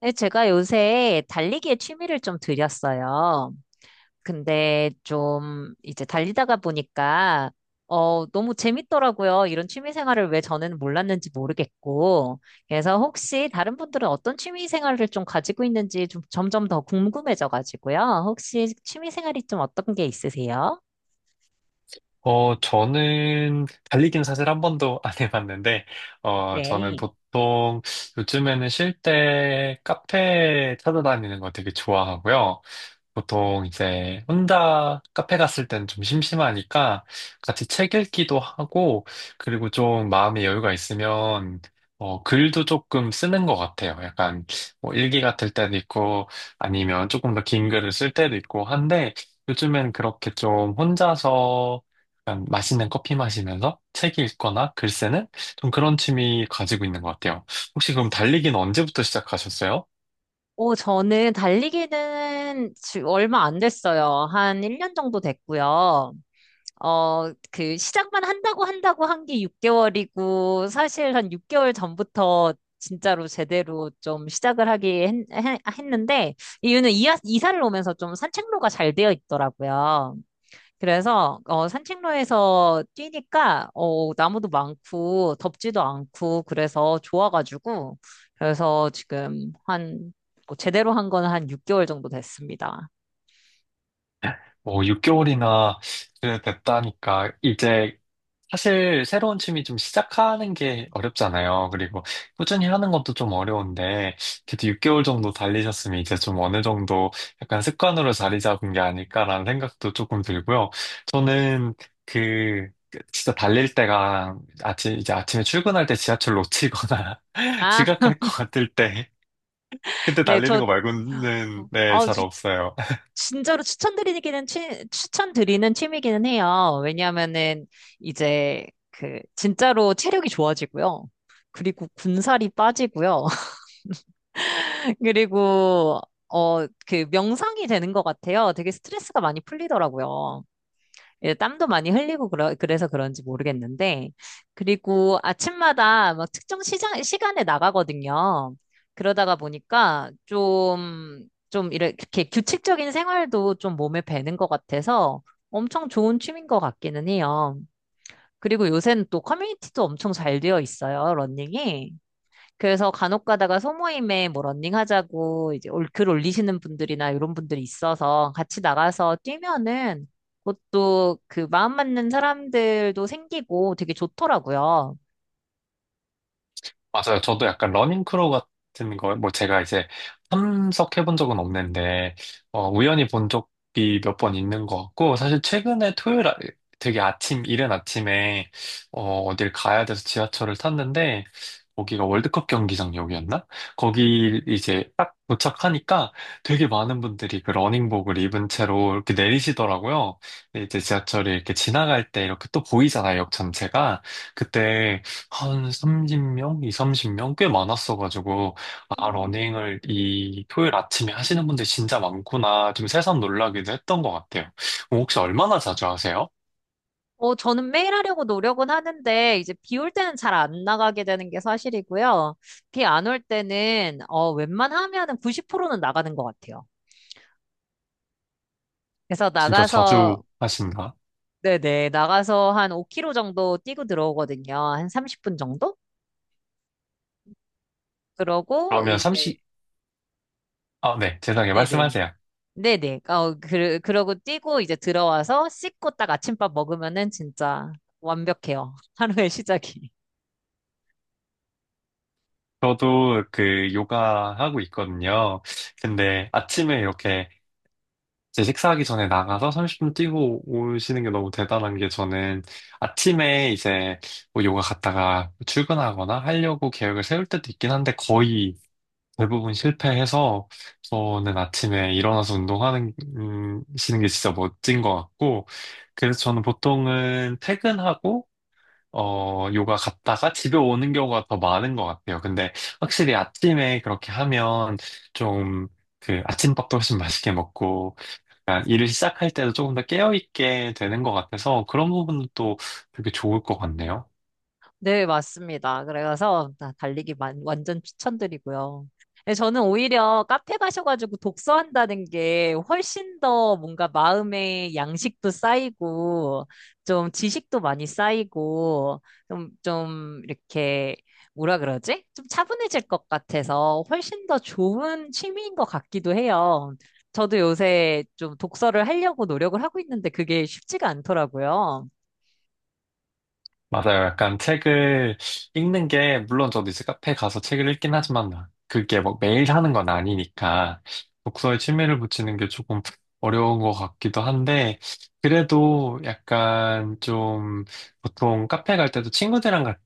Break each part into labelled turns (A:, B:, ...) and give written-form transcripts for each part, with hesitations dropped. A: 네, 제가 요새 달리기에 취미를 좀 들였어요. 근데 좀 이제 달리다가 보니까 너무 재밌더라고요. 이런 취미 생활을 왜 저는 몰랐는지 모르겠고. 그래서 혹시 다른 분들은 어떤 취미 생활을 좀 가지고 있는지 좀 점점 더 궁금해져 가지고요. 혹시 취미 생활이 좀 어떤 게 있으세요?
B: 저는 달리기는 사실 한 번도 안 해봤는데, 저는
A: 네.
B: 보통 요즘에는 쉴 때 카페 찾아다니는 거 되게 좋아하고요. 보통 이제 혼자 카페 갔을 땐 좀 심심하니까 같이 책 읽기도 하고, 그리고 좀 마음의 여유가 있으면, 글도 조금 쓰는 것 같아요. 약간 뭐 일기 같을 때도 있고, 아니면 조금 더 긴 글을 쓸 때도 있고 한데, 요즘엔 그렇게 좀 혼자서 약간 맛있는 커피 마시면서 책 읽거나 글 쓰는 좀 그런 취미 가지고 있는 것 같아요. 혹시 그럼 달리기는 언제부터 시작하셨어요?
A: 오, 저는 달리기는 얼마 안 됐어요. 한 1년 정도 됐고요. 그 시작만 한다고 한 게 6개월이고 사실 한 6개월 전부터 진짜로 제대로 좀 시작을 하기 했는데 이유는 이사를 오면서 좀 산책로가 잘 되어 있더라고요. 그래서 산책로에서 뛰니까 나무도 많고 덥지도 않고 그래서 좋아가지고 그래서 지금 한뭐 제대로 한 거는 한 6개월 정도 됐습니다.
B: 뭐 6개월이나 됐다니까 이제 사실 새로운 취미 좀 시작하는 게 어렵잖아요. 그리고 꾸준히 하는 것도 좀 어려운데 그래도 6개월 정도 달리셨으면 이제 좀 어느 정도 약간 습관으로 자리 잡은 게 아닐까라는 생각도 조금 들고요. 저는 그 진짜 달릴 때가 아침 이제 아침에 출근할 때 지하철 놓치거나
A: 아,
B: 지각할 것 같을 때 그때
A: 네,
B: 달리는
A: 저,
B: 거 말고는 네,
A: 어,
B: 잘
A: 지-
B: 없어요.
A: 진짜로 추천드리는 취미기는 해요. 왜냐하면은, 이제, 진짜로 체력이 좋아지고요. 그리고 군살이 빠지고요. 그리고, 명상이 되는 것 같아요. 되게 스트레스가 많이 풀리더라고요. 예, 땀도 많이 흘리고 그래서 그런지 모르겠는데, 그리고 아침마다 막 특정 시간에 나가거든요. 그러다가 보니까 좀 이렇게 규칙적인 생활도 좀 몸에 배는 것 같아서 엄청 좋은 취미인 것 같기는 해요. 그리고 요새는 또 커뮤니티도 엄청 잘 되어 있어요, 러닝이. 그래서 간혹 가다가 소모임에 뭐 러닝하자고 이제 글 올리시는 분들이나 이런 분들이 있어서 같이 나가서 뛰면은 그것도 그 마음 맞는 사람들도 생기고 되게 좋더라고요.
B: 맞아요. 저도 약간 러닝크루 같은 거, 뭐 제가 이제 참석해본 적은 없는데, 우연히 본 적이 몇 번 있는 것 같고, 사실 최근에 토요일, 되게 아침, 이른 아침에, 어딜 가야 돼서 지하철을 탔는데, 거기가 월드컵 경기장역이었나? 거기 이제 딱 도착하니까 되게 많은 분들이 그 러닝복을 입은 채로 이렇게 내리시더라고요. 근데 이제 지하철이 이렇게 지나갈 때 이렇게 또 보이잖아요, 역 전체가. 그때 한 30명? 이삼십 명 꽤 많았어가지고, 아,
A: 음.
B: 러닝을 이 토요일 아침에 하시는 분들 진짜 많구나. 좀 새삼 놀라기도 했던 것 같아요. 그럼 혹시 얼마나 자주 하세요?
A: 저는 매일 하려고 노력은 하는데, 이제 비 올 때는 잘 안 나가게 되는 게 사실이고요. 비 안 올 때는, 웬만하면은 90%는 나가는 것 같아요. 그래서
B: 진짜
A: 나가서,
B: 자주 하신가?
A: 네네, 나가서 한 5km 정도 뛰고 들어오거든요. 한 30분 정도? 그러고
B: 그러면
A: 이제
B: 30, 아, 네. 죄송해요.
A: 네네.
B: 말씀하세요.
A: 네네. 그러고 뛰고 이제 들어와서 씻고 딱 아침밥 먹으면은 진짜 완벽해요. 하루의 시작이.
B: 저도 그 요가 하고 있거든요. 근데 아침에 이렇게 제 식사하기 전에 나가서 30분 뛰고 오시는 게 너무 대단한 게 저는 아침에 이제 뭐 요가 갔다가 출근하거나 하려고 계획을 세울 때도 있긴 한데 거의 대부분 실패해서 저는 아침에 일어나서 운동하는 시는 게 진짜 멋진 것 같고 그래서 저는 보통은 퇴근하고 요가 갔다가 집에 오는 경우가 더 많은 것 같아요. 근데 확실히 아침에 그렇게 하면 좀 그 아침밥도 훨씬 맛있게 먹고 약간 일을 시작할 때도 조금 더 깨어있게 되는 것 같아서 그런 부분도 되게 좋을 것 같네요.
A: 네, 맞습니다. 그래서 나 달리기 완전 추천드리고요. 네, 저는 오히려 카페 가셔가지고 독서한다는 게 훨씬 더 뭔가 마음의 양식도 쌓이고, 좀 지식도 많이 쌓이고, 좀 이렇게, 뭐라 그러지? 좀 차분해질 것 같아서 훨씬 더 좋은 취미인 것 같기도 해요. 저도 요새 좀 독서를 하려고 노력을 하고 있는데 그게 쉽지가 않더라고요.
B: 맞아요. 약간 책을 읽는 게, 물론 저도 이제 카페 가서 책을 읽긴 하지만, 그게 뭐 매일 하는 건 아니니까, 독서에 취미를 붙이는 게 조금 어려운 것 같기도 한데, 그래도 약간 좀, 보통 카페 갈 때도 친구들이랑 같이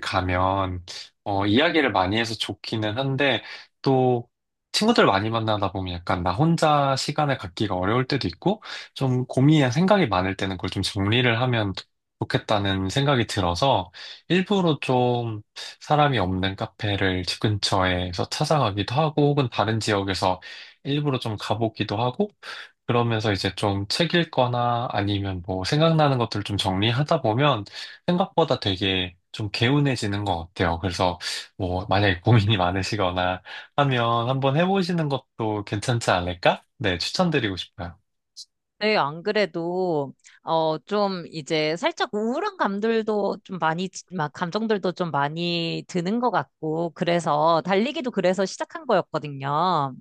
B: 가면, 이야기를 많이 해서 좋기는 한데, 또, 친구들 많이 만나다 보면 약간 나 혼자 시간을 갖기가 어려울 때도 있고, 좀 고민이나 생각이 많을 때는 그걸 좀 정리를 하면 좋겠다는 생각이 들어서 일부러 좀 사람이 없는 카페를 집 근처에서 찾아가기도 하고 혹은 다른 지역에서 일부러 좀 가보기도 하고 그러면서 이제 좀 책 읽거나 아니면 뭐 생각나는 것들 좀 정리하다 보면 생각보다 되게 좀 개운해지는 것 같아요. 그래서 뭐 만약에 고민이 많으시거나 하면 한번 해보시는 것도 괜찮지 않을까? 네, 추천드리고 싶어요.
A: 네, 안 그래도, 좀, 이제, 살짝 우울한 감들도 좀 많이, 막, 감정들도 좀 많이 드는 것 같고, 그래서, 달리기도 그래서 시작한 거였거든요.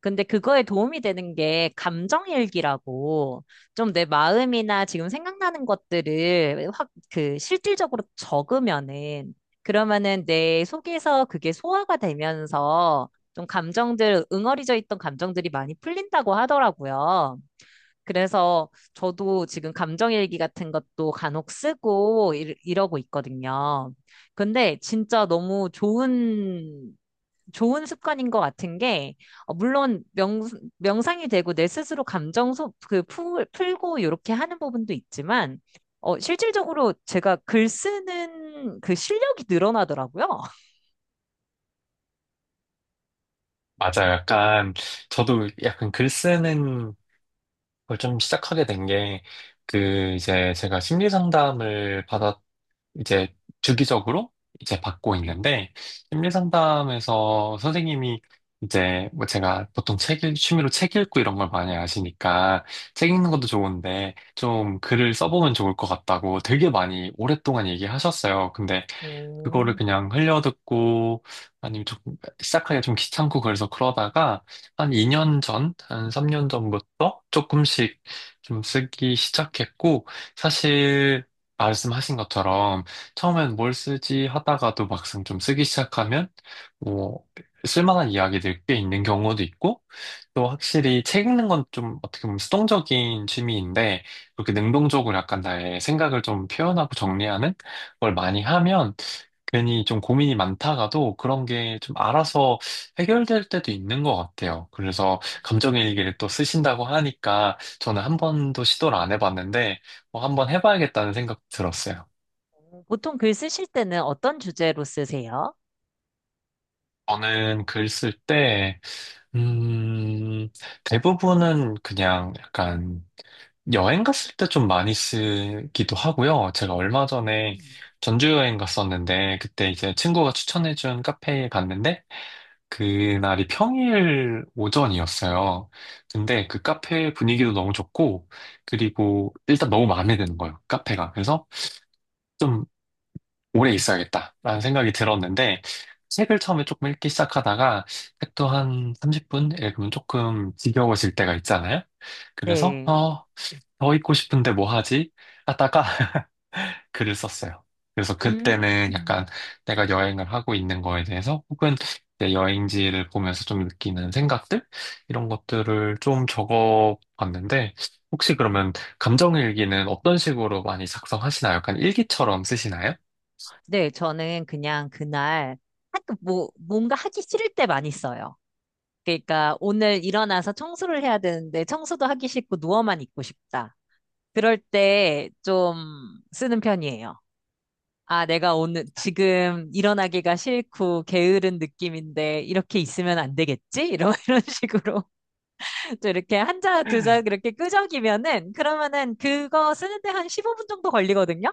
A: 근데 그거에 도움이 되는 게, 감정일기라고, 좀 내 마음이나 지금 생각나는 것들을 실질적으로 적으면은, 그러면은 내 속에서 그게 소화가 되면서, 좀 응어리져 있던 감정들이 많이 풀린다고 하더라고요. 그래서 저도 지금 감정일기 같은 것도 간혹 쓰고 이러고 있거든요. 근데 진짜 너무 좋은 습관인 것 같은 게, 물론 명상이 되고 내 스스로 감정 풀고 이렇게 하는 부분도 있지만, 실질적으로 제가 글 쓰는 그 실력이 늘어나더라고요.
B: 맞아요. 약간 저도 약간 글 쓰는 그걸 좀 시작하게 된 게, 그, 이제 제가 심리 상담을 받았, 이제 주기적으로 이제 받고 있는데, 심리 상담에서 선생님이 이제 뭐 제가 보통 책, 읽- 취미로 책 읽고 이런 걸 많이 아시니까, 책 읽는 것도 좋은데, 좀 글을 써보면 좋을 것 같다고 되게 많이 오랫동안 얘기하셨어요. 근데 그거를 그냥 흘려듣고 아니면 좀 시작하기가 좀 귀찮고 그래서 그러다가 한 2년 전, 한 3년 전부터 조금씩 좀 쓰기 시작했고 사실 말씀하신 것처럼 처음엔 뭘 쓰지 하다가도 막상 좀 쓰기 시작하면 뭐 쓸만한 이야기들 꽤 있는 경우도 있고 또 확실히 책 읽는 건 좀 어떻게 보면 수동적인 취미인데 그렇게 능동적으로 약간 나의 생각을 좀 표현하고 정리하는 걸 많이 하면 괜히 좀 고민이 많다가도 그런 게 좀 알아서 해결될 때도 있는 것 같아요. 그래서 감정일기를 또 쓰신다고 하니까 저는 한 번도 시도를 안 해봤는데 뭐 한번 해봐야겠다는 생각 들었어요.
A: 오, 보통 글 쓰실 때는 어떤 주제로 쓰세요?
B: 저는 글 쓸 때, 음, 대부분은 그냥 약간 여행 갔을 때 좀 많이 쓰기도 하고요. 제가 얼마 전에
A: 음.
B: 전주 여행 갔었는데 그때 이제 친구가 추천해준 카페에 갔는데 그날이 평일 오전이었어요. 근데 그 카페 분위기도 너무 좋고, 그리고 일단 너무 마음에 드는 거예요, 카페가. 그래서 좀 오래 있어야겠다라는 생각이 들었는데, 책을 처음에 조금 읽기 시작하다가, 책도 한 30분 읽으면 조금 지겨워질 때가 있잖아요. 그래서,
A: 네.
B: 더 읽고 싶은데 뭐 하지? 하다가 글을 썼어요. 그래서
A: 음.
B: 그때는 약간 내가 여행을 하고 있는 거에 대해서 혹은 내 여행지를 보면서 좀 느끼는 생각들? 이런 것들을 좀 적어 봤는데 혹시 그러면 감정일기는 어떤 식으로 많이 작성하시나요? 약간 일기처럼 쓰시나요?
A: 네, 저는 그냥 그날 학교 뭐 뭔가 하기 싫을 때 많이 써요. 그러니까 오늘 일어나서 청소를 해야 되는데 청소도 하기 싫고 누워만 있고 싶다. 그럴 때 좀 쓰는 편이에요. 아, 내가 오늘 지금 일어나기가 싫고 게으른 느낌인데 이렇게 있으면 안 되겠지? 이런 이런 식으로 또 이렇게 한 자, 두 자 그렇게 끄적이면은 그러면은 그거 쓰는데 한 15분 정도 걸리거든요.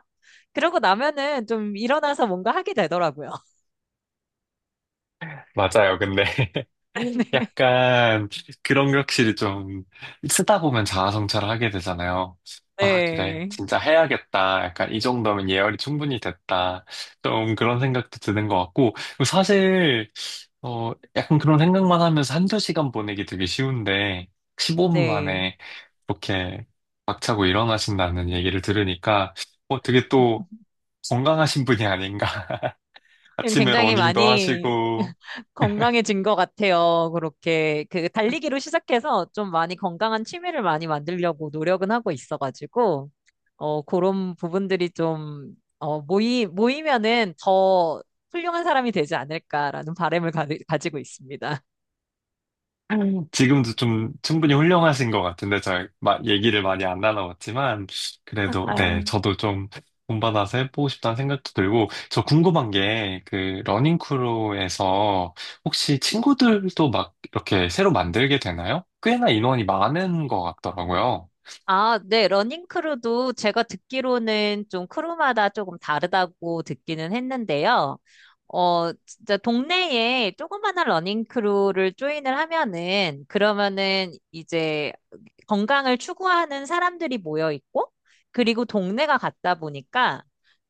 A: 그러고 나면은 좀 일어나서 뭔가 하게 되더라고요.
B: 맞아요. 근데 약간 그런 격실이 좀 쓰다 보면 자아성찰을 하게 되잖아요. 아, 그래.
A: 네.
B: 진짜 해야겠다. 약간 이 정도면 예열이 충분히 됐다. 좀 그런 생각도 드는 것 같고. 그리고 사실, 약간 그런 생각만 하면서 한두 시간 보내기 되게 쉬운데, 15분
A: 네.
B: 만에 그렇게 박차고 일어나신다는 얘기를 들으니까, 되게 또 건강하신 분이 아닌가.
A: 지금
B: 아침에
A: 굉장히
B: 러닝도
A: 많이
B: 하시고,
A: 건강해진 것 같아요. 그렇게 그 달리기로 시작해서 좀 많이 건강한 취미를 많이 만들려고 노력은 하고 있어가지고, 그런 부분들이 좀, 모이면은 더 훌륭한 사람이 되지 않을까라는 바람을 가지고 있습니다.
B: 지금도 좀 충분히 훌륭하신 것 같은데, 얘기를 많이 안 나눠봤지만, 그래도, 네,
A: 아,
B: 저도 좀 본받아서 해보고 싶다는 생각도 들고, 저 궁금한 게, 그, 러닝크루에서 혹시 친구들도 막 이렇게 새로 만들게 되나요? 꽤나 인원이 많은 것 같더라고요.
A: 아, 네, 러닝 크루도 제가 듣기로는 좀 크루마다 조금 다르다고 듣기는 했는데요. 진짜 동네에 조그마한 러닝 크루를 조인을 하면은 그러면은 이제 건강을 추구하는 사람들이 모여 있고 그리고 동네가 같다 보니까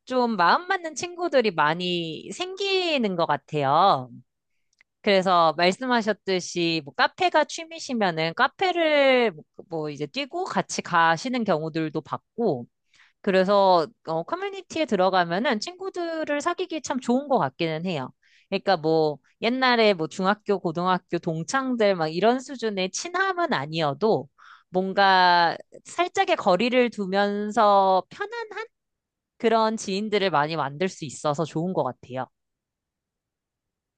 A: 좀 마음 맞는 친구들이 많이 생기는 것 같아요. 그래서 말씀하셨듯이 뭐 카페가 취미시면은 카페를 뭐뭐 이제 뛰고 같이 가시는 경우들도 봤고 그래서 커뮤니티에 들어가면은 친구들을 사귀기 참 좋은 것 같기는 해요. 그러니까 뭐 옛날에 뭐 중학교, 고등학교 동창들 막 이런 수준의 친함은 아니어도 뭔가 살짝의 거리를 두면서 편안한 그런 지인들을 많이 만들 수 있어서 좋은 것 같아요.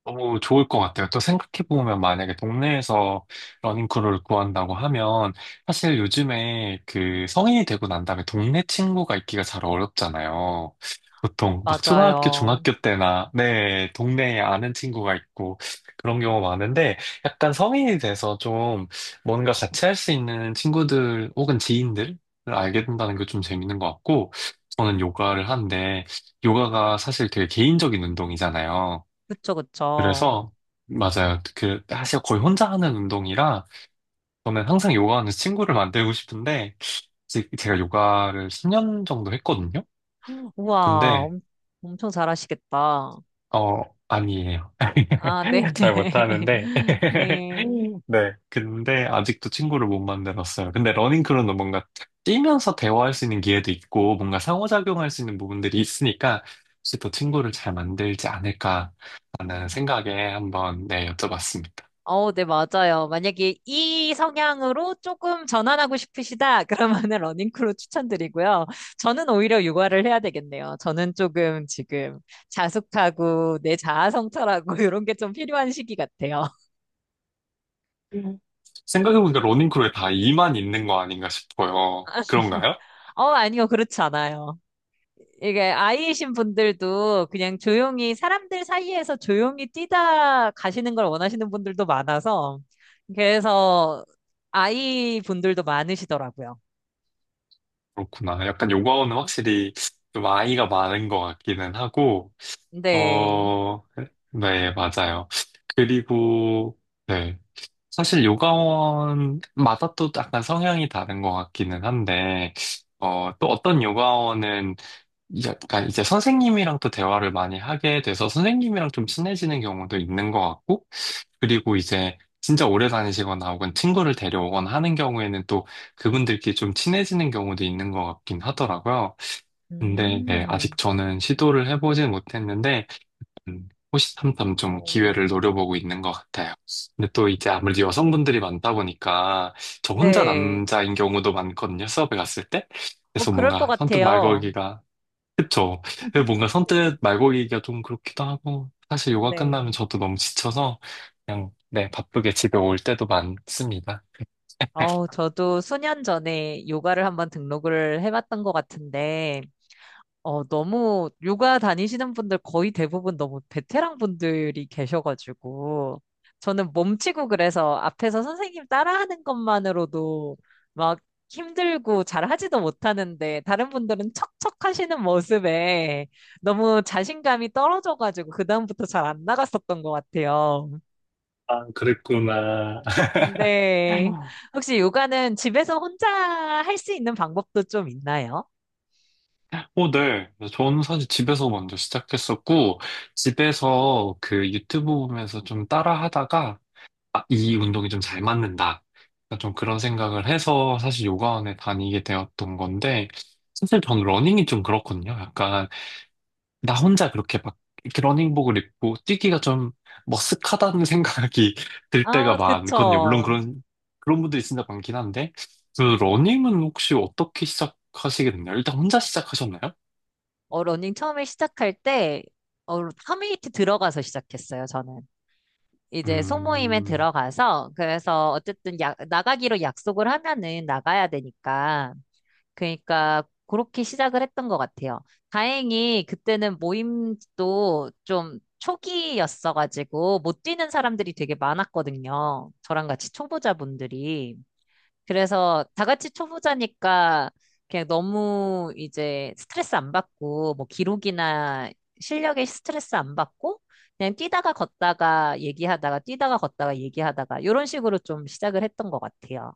B: 너무 좋을 것 같아요. 또 생각해보면 만약에 동네에서 러닝크루를 구한다고 하면 사실 요즘에 그 성인이 되고 난 다음에 동네 친구가 있기가 잘 어렵잖아요. 보통 막 초등학교,
A: 맞아요.
B: 중학교 때나 네, 동네에 아는 친구가 있고 그런 경우 많은데 약간 성인이 돼서 좀 뭔가 같이 할 수 있는 친구들 혹은 지인들을 알게 된다는 게 좀 재밌는 것 같고 저는 요가를 하는데 요가가 사실 되게 개인적인 운동이잖아요.
A: 그쵸, 그쵸.
B: 그래서 맞아요. 그 사실 거의 혼자 하는 운동이라 저는 항상 요가하는 친구를 만들고 싶은데 제가 요가를 10년 정도 했거든요.
A: 우와,
B: 근데
A: 엄청 잘하시겠다.
B: 어 아니에요.
A: 아, 네.
B: 잘 못하는데
A: 네.
B: 네. 근데 아직도 친구를 못 만들었어요. 근데 러닝크루는 뭔가 뛰면서 대화할 수 있는 기회도 있고 뭔가 상호작용할 수 있는 부분들이 있으니까 혹시 더 친구를 잘 만들지 않을까라는 생각에 한번 네, 여쭤봤습니다.
A: 네, 맞아요. 만약에 이 성향으로 조금 전환하고 싶으시다, 그러면은 러닝크루 추천드리고요. 저는 오히려 육아를 해야 되겠네요. 저는 조금 지금 자숙하고 내 자아 성찰하고 이런 게 좀 필요한 시기 같아요.
B: 생각해보니까 러닝크루에 다 이만 있는 거 아닌가 싶어요. 그런가요?
A: 아니요. 그렇지 않아요. 이게 아이이신 분들도 그냥 조용히 사람들 사이에서 조용히 뛰다 가시는 걸 원하시는 분들도 많아서 그래서 아이 분들도 많으시더라고요.
B: 그렇구나. 약간 요가원은 확실히 좀 아이가 많은 것 같기는 하고,
A: 네.
B: 어, 네, 맞아요. 그리고, 네. 사실 요가원마다 또 약간 성향이 다른 것 같기는 한데, 또 어떤 요가원은 약간 이제 선생님이랑 또 대화를 많이 하게 돼서 선생님이랑 좀 친해지는 경우도 있는 것 같고, 그리고 이제 진짜 오래 다니시거나 혹은 친구를 데려오거나 하는 경우에는 또 그분들끼리 좀 친해지는 경우도 있는 것 같긴 하더라고요. 근데 네, 아직
A: 음.
B: 저는 시도를 해보진 못했는데, 호시탐탐
A: 어,
B: 좀 기회를 노려보고 있는 것 같아요. 근데 또 이제 아무래도 여성분들이 많다 보니까 저 혼자
A: 네.
B: 남자인 경우도 많거든요, 수업에 갔을 때. 그래서
A: 그럴 것
B: 뭔가 선뜻 말
A: 같아요.
B: 걸기가. 그쵸. 그 뭔가
A: 네.
B: 선뜻 말고기가 좀 그렇기도 하고, 사실 요가 끝나면
A: 네.
B: 저도 너무 지쳐서, 그냥, 네, 바쁘게 집에 올 때도 많습니다.
A: 저도 수년 전에 요가를 한번 등록을 해봤던 것 같은데, 너무 요가 다니시는 분들 거의 대부분 너무 베테랑 분들이 계셔가지고 저는 몸치고 그래서 앞에서 선생님 따라하는 것만으로도 막 힘들고 잘하지도 못하는데 다른 분들은 척척 하시는 모습에 너무 자신감이 떨어져가지고 그다음부터 잘 안 나갔었던 것 같아요.
B: 아, 그랬구나.
A: 근데 혹시 요가는 집에서 혼자 할 수 있는 방법도 좀 있나요?
B: 네. 저는 사실 집에서 먼저 시작했었고, 집에서 그 유튜브 보면서 좀 따라 하다가, 아, 이 운동이 좀 잘 맞는다. 그러니까 좀 그런 생각을 해서 사실 요가원에 다니게 되었던 건데, 사실 저는 러닝이 좀 그렇거든요. 약간 나 혼자 그렇게 막 러닝복을 입고 뛰기가 좀 머쓱하다는 생각이 들 때가
A: 아,
B: 많거든요. 물론
A: 그쵸.
B: 그런, 그런 분들이 진짜 많긴 한데, 그 러닝은 혹시 어떻게 시작하시겠나요? 일단 혼자 시작하셨나요?
A: 러닝 처음에 시작할 때, 커뮤니티 들어가서 시작했어요, 저는. 이제 소모임에
B: 음,
A: 들어가서, 그래서 어쨌든 나가기로 약속을 하면은 나가야 되니까. 그러니까 그렇게 시작을 했던 것 같아요. 다행히 그때는 모임도 좀 초기였어가지고 못 뛰는 사람들이 되게 많았거든요. 저랑 같이 초보자분들이. 그래서 다 같이 초보자니까 그냥 너무 이제 스트레스 안 받고 뭐 기록이나 실력에 스트레스 안 받고 그냥 뛰다가 걷다가 얘기하다가 뛰다가 걷다가 얘기하다가 이런 식으로 좀 시작을 했던 것 같아요.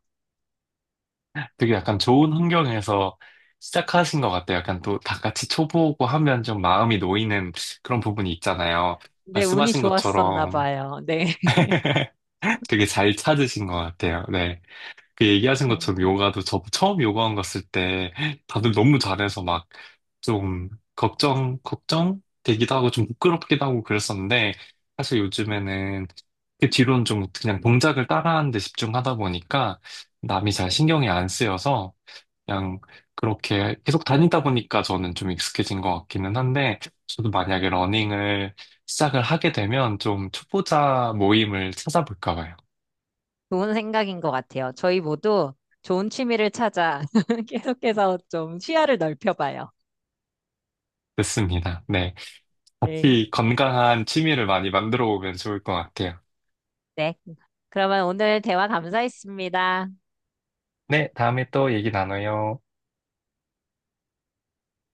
B: 되게 약간 좋은 환경에서 시작하신 것 같아요. 약간 또 다 같이 초보고 하면 좀 마음이 놓이는 그런 부분이 있잖아요.
A: 네, 운이
B: 말씀하신
A: 좋았었나
B: 것처럼
A: 봐요. 네.
B: 되게 잘 찾으신 것 같아요. 네. 그 얘기하신
A: 아유,
B: 것처럼 요가도 저 처음 요가원 갔을 때 다들 너무 잘해서 막 좀 걱정 되기도 하고 좀 부끄럽기도 하고 그랬었는데 사실 요즘에는 그 뒤로는 좀 그냥 동작을 따라하는 데 집중하다 보니까 남이 잘 신경이 안 쓰여서 그냥 그렇게 계속 다니다 보니까 저는 좀 익숙해진 것 같기는 한데 저도 만약에 러닝을 시작을 하게 되면 좀 초보자 모임을 찾아볼까 봐요.
A: 좋은 생각인 것 같아요. 저희 모두 좋은 취미를 찾아 계속해서 좀 시야를 넓혀봐요.
B: 됐습니다. 네.
A: 네.
B: 같이 건강한 취미를 많이 만들어 보면 좋을 것 같아요.
A: 네. 그러면 오늘 대화 감사했습니다.
B: 네, 다음에 또 얘기 나눠요.